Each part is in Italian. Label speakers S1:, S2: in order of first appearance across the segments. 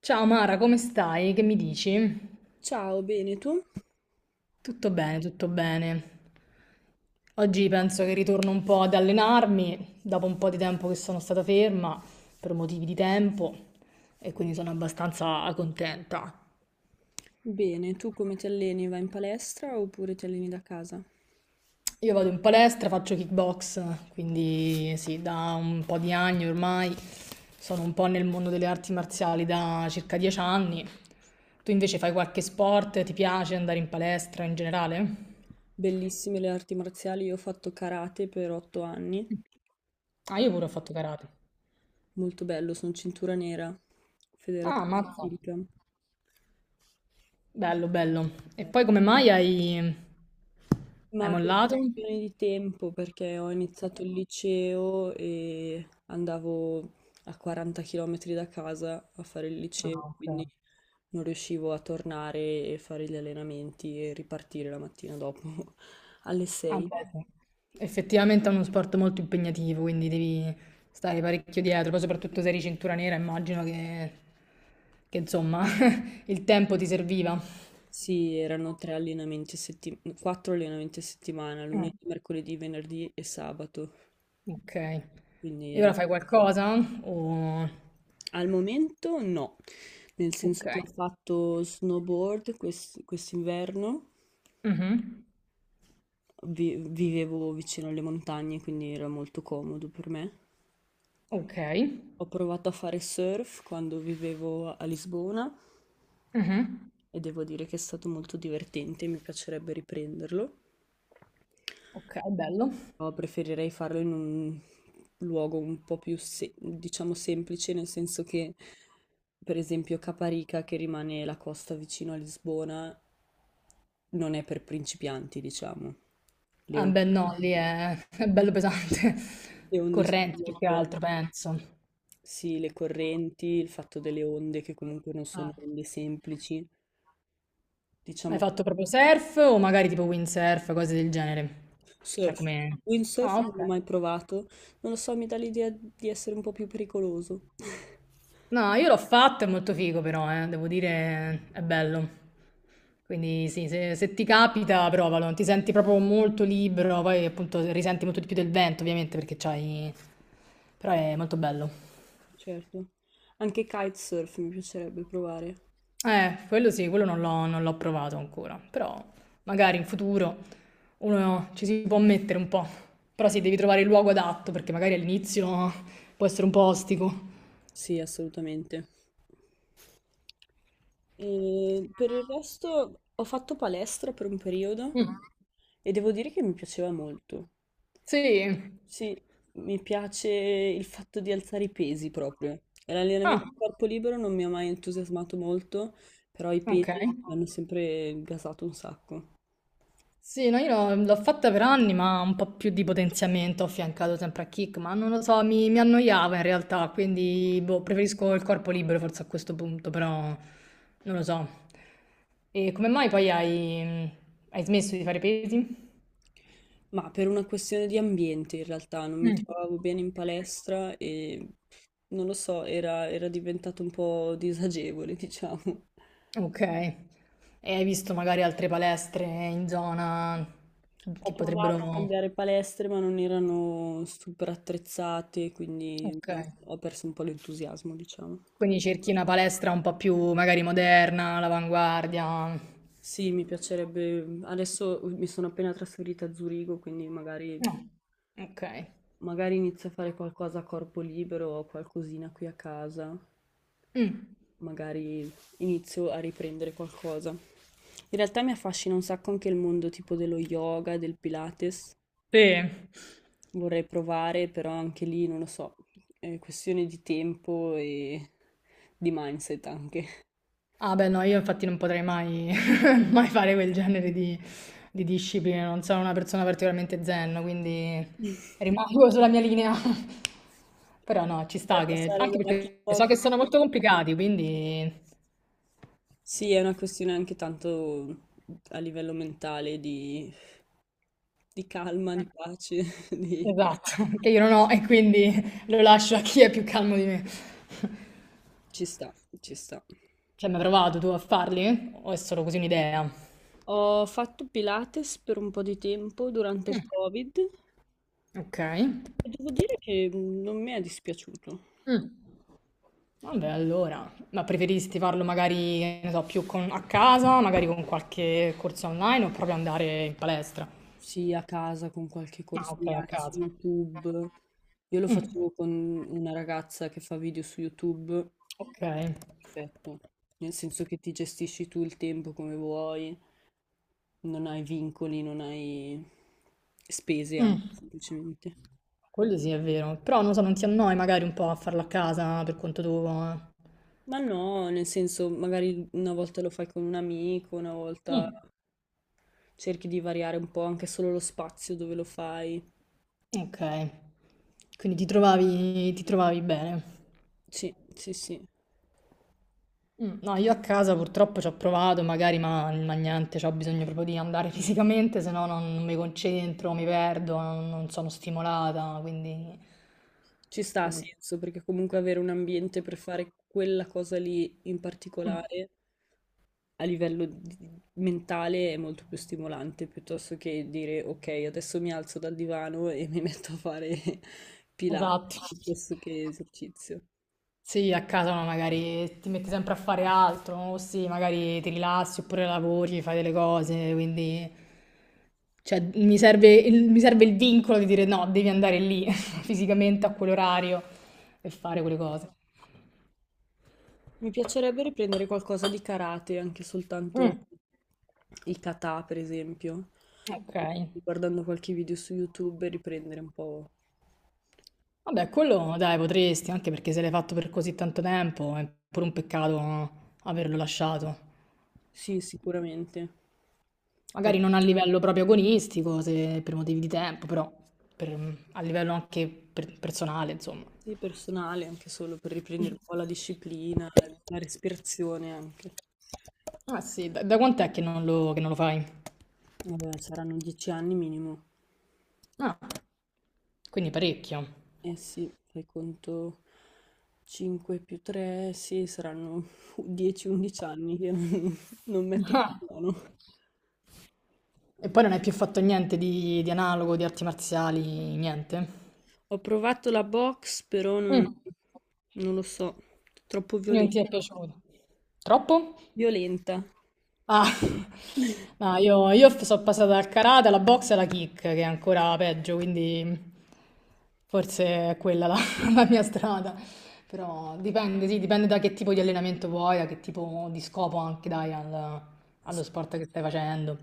S1: Ciao Mara, come stai? Che mi dici?
S2: Ciao, bene tu?
S1: Tutto bene, tutto bene. Oggi penso che ritorno un po' ad allenarmi, dopo un po' di tempo che sono stata ferma per motivi di tempo e quindi sono abbastanza contenta.
S2: Bene, tu come ti alleni? Vai in palestra oppure ti alleni da casa?
S1: Io vado in palestra, faccio kickbox, quindi sì, da un po' di anni ormai sono un po' nel mondo delle arti marziali da circa 10 anni. Tu invece fai qualche sport? Ti piace andare in palestra in generale?
S2: Bellissime le arti marziali, io ho fatto karate per 8 anni,
S1: Ah, io pure ho fatto karate.
S2: molto bello, sono cintura nera,
S1: Ah,
S2: federazione
S1: mazza.
S2: olimpica.
S1: Bello, bello. E poi come mai hai
S2: Ma per
S1: mollato? Ok.
S2: questione di tempo, perché ho iniziato il liceo e andavo a 40 km da casa a fare il
S1: Ah,
S2: liceo,
S1: ok.
S2: quindi non riuscivo a tornare e fare gli allenamenti e ripartire la mattina dopo alle
S1: Ah,
S2: 6.
S1: beh, sì. Effettivamente è uno sport molto impegnativo, quindi devi stare parecchio dietro, poi soprattutto se eri cintura nera, immagino che, insomma il tempo ti serviva.
S2: Sì, erano 3 allenamenti a settimana, 4 allenamenti a settimana,
S1: Mm,
S2: lunedì, mercoledì, venerdì e sabato.
S1: ok.
S2: Quindi
S1: E ora fai qualcosa? O...
S2: al momento no, nel
S1: Ok.
S2: senso che ho fatto snowboard quest'inverno
S1: Mhm.
S2: vivevo vicino alle montagne, quindi era molto comodo per me.
S1: Ok.
S2: Ho provato a fare surf quando vivevo a Lisbona
S1: Mhm.
S2: e devo dire che è stato molto divertente, mi piacerebbe riprenderlo.
S1: Ok, bello.
S2: Però preferirei farlo in un luogo un po' più, diciamo, semplice, nel senso che, per esempio, Caparica, che rimane la costa vicino a Lisbona, non è per principianti, diciamo. Le
S1: Ah, beh,
S2: onde,
S1: no, lì è, è bello pesante.
S2: le onde sono
S1: Correnti più che
S2: molto...
S1: altro, penso.
S2: Sì, le correnti, il fatto delle onde che comunque non sono
S1: Ah.
S2: onde semplici,
S1: Hai
S2: diciamo che
S1: fatto proprio surf o magari tipo windsurf, cose del genere? Cioè,
S2: surf,
S1: come...
S2: windsurf
S1: Ah,
S2: non l'ho
S1: ok.
S2: mai provato, non lo so, mi dà l'idea di essere un po' più pericoloso.
S1: No, io l'ho fatto, è molto figo però, devo dire, è bello. Quindi sì, se ti capita, provalo. Ti senti proprio molto libero, poi appunto risenti molto di più del vento, ovviamente, perché c'hai. Però è molto bello.
S2: Certo. Anche kitesurf mi piacerebbe provare.
S1: Quello sì, quello non l'ho provato ancora, però magari in futuro uno ci si può mettere un po', però sì, devi trovare il luogo adatto perché magari all'inizio può essere un po' ostico.
S2: Sì, assolutamente. E per il resto ho fatto palestra per un periodo
S1: Mm,
S2: e devo dire che mi piaceva molto.
S1: sì.
S2: Sì, mi piace il fatto di alzare i pesi proprio. E
S1: Ah,
S2: l'allenamento a corpo libero non mi ha mai entusiasmato molto, però i
S1: ok.
S2: pesi mi hanno sempre gasato un sacco.
S1: Sì, no, io l'ho fatta per anni, ma un po' più di potenziamento ho affiancato sempre a kick, ma non lo so, mi annoiava in realtà, quindi boh, preferisco il corpo libero forse a questo punto, però non lo so. E come mai poi hai smesso di fare pesi?
S2: Ma per una questione di ambiente in realtà, non mi
S1: Mm.
S2: trovavo bene in palestra e non lo so, era diventato un po' disagevole, diciamo.
S1: Ok, e hai visto magari altre palestre in zona
S2: Ho
S1: che
S2: provato a
S1: potrebbero.
S2: cambiare palestre, ma non erano super attrezzate, quindi
S1: Ok,
S2: non so, ho perso un po' l'entusiasmo, diciamo.
S1: quindi cerchi una palestra un po' più magari moderna, all'avanguardia. No,
S2: Sì, mi piacerebbe. Mhmm, Adesso mi sono appena trasferita a Zurigo, quindi magari,
S1: ok.
S2: magari inizio a fare qualcosa a corpo libero o qualcosina qui a casa.
S1: Mh,
S2: Magari inizio a riprendere qualcosa. In realtà mi affascina un sacco anche il mondo tipo dello yoga, del Pilates.
S1: sì.
S2: Vorrei provare, però anche lì non lo so, è questione di tempo e di mindset anche.
S1: Ah beh no, io infatti non potrei mai mai fare quel genere di discipline, non sono una persona particolarmente zen, quindi rimango sulla mia linea. Però no, ci
S2: Per
S1: sta che
S2: passare
S1: anche
S2: dalla
S1: perché so
S2: kickbox.
S1: che sono molto complicati, quindi
S2: Sì, è una questione anche tanto a livello mentale di calma, di pace, di...
S1: Esatto, che io non ho e quindi lo lascio a chi è più calmo di me.
S2: Ci sta, ci sta.
S1: Ci hai mai provato tu a farli? O è solo così un'idea?
S2: Ho fatto Pilates per un po' di tempo durante
S1: Mh,
S2: il Covid e
S1: okay.
S2: devo dire che non mi è dispiaciuto.
S1: Mh. Vabbè, allora, ma preferisti farlo magari, che ne so, più a casa, magari con qualche corso online o proprio andare in palestra?
S2: Sì, a casa con qualche
S1: Ah,
S2: corso
S1: ok, a
S2: online su
S1: casa.
S2: YouTube. Io lo
S1: Mm,
S2: facevo con una ragazza che fa video su YouTube.
S1: ok.
S2: Perfetto. Nel senso che ti gestisci tu il tempo come vuoi, non hai vincoli, non hai spese
S1: Mm,
S2: anche semplicemente.
S1: quello sì è vero, però non so, non ti annoi magari un po' a farlo a casa per conto tuo? Eh?
S2: Ma no, nel senso, magari una volta lo fai con un amico, una volta
S1: Mm,
S2: cerchi di variare un po' anche solo lo spazio dove lo fai.
S1: ok, quindi ti trovavi bene.
S2: Sì, sì, sì.
S1: Mm, no, io a casa purtroppo ci ho provato, magari, ma niente, ho bisogno proprio di andare fisicamente, se no non mi concentro, mi perdo, non sono stimolata, quindi,
S2: Ci sta a
S1: quindi-
S2: senso, perché comunque avere un ambiente per fare quella cosa lì in
S1: Mm,
S2: particolare a livello mentale è molto più stimolante piuttosto che dire ok, adesso mi alzo dal divano e mi metto a fare Pilates
S1: esatto.
S2: piuttosto che esercizio.
S1: Sì, a casa no, magari ti metti sempre a fare altro, o sì, magari ti rilassi oppure lavori, fai delle cose, quindi cioè, mi serve il vincolo di dire no, devi andare lì fisicamente a quell'orario e fare quelle cose.
S2: Mi piacerebbe riprendere qualcosa di karate, anche soltanto
S1: Mm,
S2: i kata, per esempio.
S1: ok.
S2: Guardando qualche video su YouTube e riprendere un po'. que-
S1: Vabbè, quello dai, potresti, anche perché se l'hai fatto per così tanto tempo è pure un peccato no, averlo lasciato.
S2: Sì, sicuramente. Poi
S1: Magari non a livello proprio agonistico, se per motivi di tempo, però a livello anche personale, insomma.
S2: sì, personale, anche solo per riprendere
S1: Mm.
S2: un po' la disciplina, la respirazione anche.
S1: Ah sì, da quant'è che non lo fai?
S2: Saranno 10 anni minimo.
S1: Ah, quindi parecchio.
S2: Eh sì, fai conto 5 più 3, sì, saranno 10-11 anni che non, non metto
S1: Ah,
S2: un buono.
S1: E poi non hai più fatto niente di analogo, di arti marziali, niente?
S2: Ho provato la box, però non,
S1: Mm.
S2: non lo so, troppo
S1: Non ti è piaciuto? Troppo?
S2: violenta.
S1: Ah, no, io sono passata dal karate alla box e alla kick, che è ancora peggio, quindi forse è quella la, la mia strada. Però dipende, sì, dipende da che tipo di allenamento vuoi, da che tipo di scopo anche dai allo
S2: Ass-
S1: sport che stai facendo.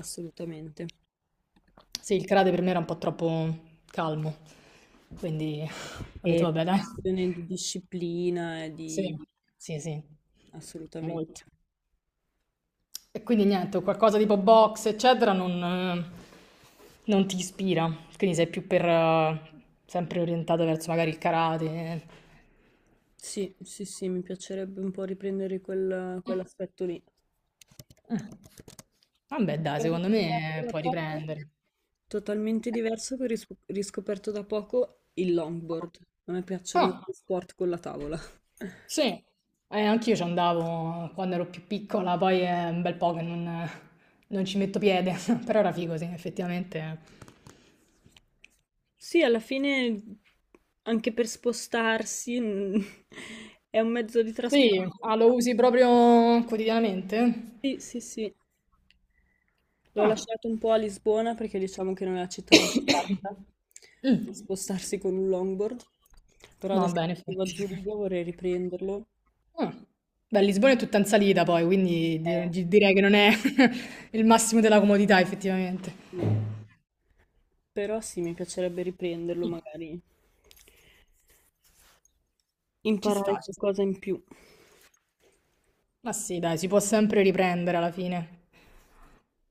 S2: assolutamente.
S1: Sì, il karate per me era un po' troppo calmo, quindi ho detto
S2: E
S1: vabbè, dai.
S2: questione di disciplina e di...
S1: Sì, sì, sì, molto.
S2: assolutamente.
S1: E quindi niente, qualcosa tipo box, eccetera, non ti ispira. Quindi sei più per, sempre orientato verso magari il karate.
S2: Sì, sì, sì, mi piacerebbe un po' riprendere quell'aspetto lì.
S1: Eh. Vabbè, dai,
S2: Ho
S1: secondo
S2: riscoperto
S1: me
S2: da
S1: puoi
S2: poco,
S1: riprendere.
S2: totalmente diverso che ho riscoperto da poco il longboard. A me piacciono
S1: Ah,
S2: gli sport con la tavola.
S1: sì, anch'io ci andavo quando ero più piccola, poi è un bel po' che non ci metto piede, però era figo, sì, effettivamente.
S2: Sì, alla fine anche per spostarsi è un mezzo di trasporto.
S1: Sì, ah, lo usi proprio quotidianamente?
S2: Sì, sì, sì. L'ho
S1: Ah.
S2: lasciato un po' a Lisbona perché diciamo che non è la città proprio adatta per
S1: Mm.
S2: spostarsi con un longboard, però
S1: No,
S2: adesso
S1: beh, in
S2: che vivo a
S1: effetti.
S2: Zurigo vorrei riprenderlo.
S1: Mh. Beh, Lisbona è tutta in salita poi, quindi di
S2: Eh,
S1: di direi che non è il massimo della comodità effettivamente.
S2: no. Però sì, mi piacerebbe riprenderlo,
S1: Mm.
S2: magari
S1: Ci
S2: imparare
S1: sta, ci sta.
S2: qualcosa in più.
S1: Ma sì, dai, si può sempre riprendere alla fine.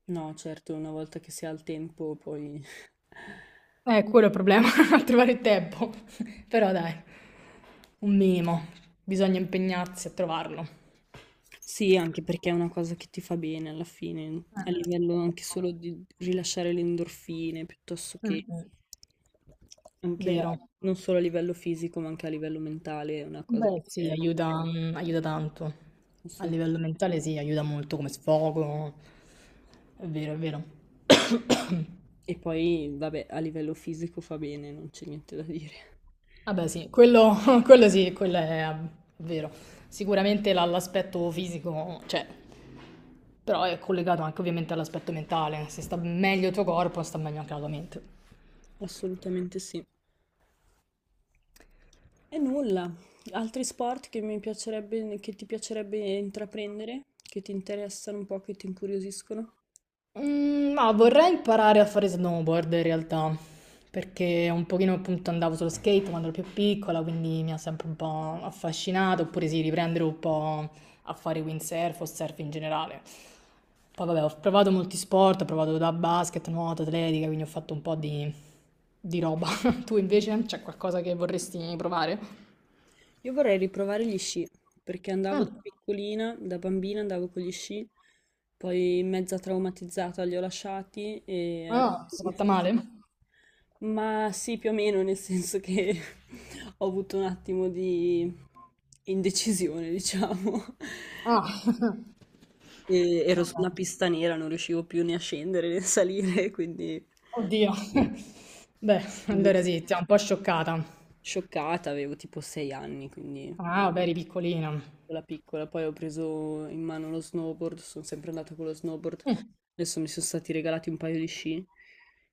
S2: No, certo, una volta che si ha il tempo poi.
S1: Quello è il problema, a trovare il tempo. Però dai, un minimo, bisogna impegnarsi a trovarlo.
S2: Sì, anche perché è una cosa che ti fa bene alla fine,
S1: Eh.
S2: a livello anche solo di rilasciare le endorfine, piuttosto che
S1: Mh-mh.
S2: anche
S1: Vero.
S2: non solo a livello fisico, ma anche a livello mentale, è una cosa che
S1: Beh sì,
S2: serve
S1: aiuta tanto. A livello mentale
S2: assolutamente.
S1: sì, aiuta molto come sfogo. È vero, è vero.
S2: E poi, vabbè, a livello fisico fa bene, non c'è niente da dire.
S1: Vabbè sì, quello quello sì, quello è vero. Sicuramente la l'aspetto fisico c'è, però è collegato anche ovviamente all'aspetto mentale. Se sta meglio il tuo corpo, sta meglio anche la tua mente.
S2: Assolutamente sì. E nulla. Altri sport che mi piacerebbe, che ti piacerebbe intraprendere, che ti interessano un po', che ti incuriosiscono?
S1: Mm, ma vorrei imparare a fare snowboard in realtà, perché un pochino appunto andavo sullo skate quando ero più piccola, quindi mi ha sempre un po' affascinato, oppure sì, riprendere un po' a fare windsurf o surf in generale. Poi vabbè, ho provato molti sport, ho provato da basket, nuoto, atletica, quindi ho fatto un po' di roba. Tu invece c'è qualcosa che vorresti provare?
S2: Io vorrei riprovare gli sci, perché andavo da
S1: Mm.
S2: piccolina, da bambina andavo con gli sci, poi mezza traumatizzata li ho lasciati e
S1: Ah, mi
S2: adesso
S1: sono
S2: mi
S1: fatta
S2: sono-
S1: male?
S2: Ma sì, più o meno, nel senso che ho avuto un attimo di indecisione, diciamo.
S1: Ah,
S2: E
S1: no.
S2: ero su una
S1: No.
S2: pista nera, non riuscivo più né a scendere né a salire, quindi
S1: Oddio. Beh, allora sì, ti ha un po' scioccata.
S2: scioccata, avevo tipo 6 anni, quindi
S1: Ah, vabbè, eri piccolina.
S2: piccola piccola. Poi ho preso in mano lo snowboard, sono sempre andata con lo snowboard.
S1: Mm,
S2: Adesso mi sono stati regalati un paio di sci,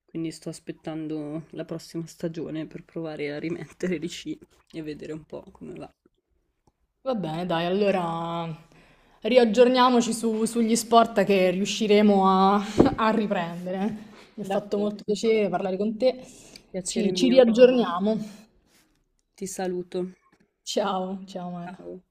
S2: quindi sto aspettando la prossima stagione per provare a rimettere gli sci e vedere un po' come va.
S1: Va bene, dai, allora riaggiorniamoci sugli sport che riusciremo a, a riprendere. Mi ha fatto
S2: D'accordo,
S1: molto piacere parlare con te.
S2: piacere
S1: Ci
S2: mio.
S1: riaggiorniamo.
S2: Ti saluto.
S1: Ciao, ciao Mara.
S2: Ciao.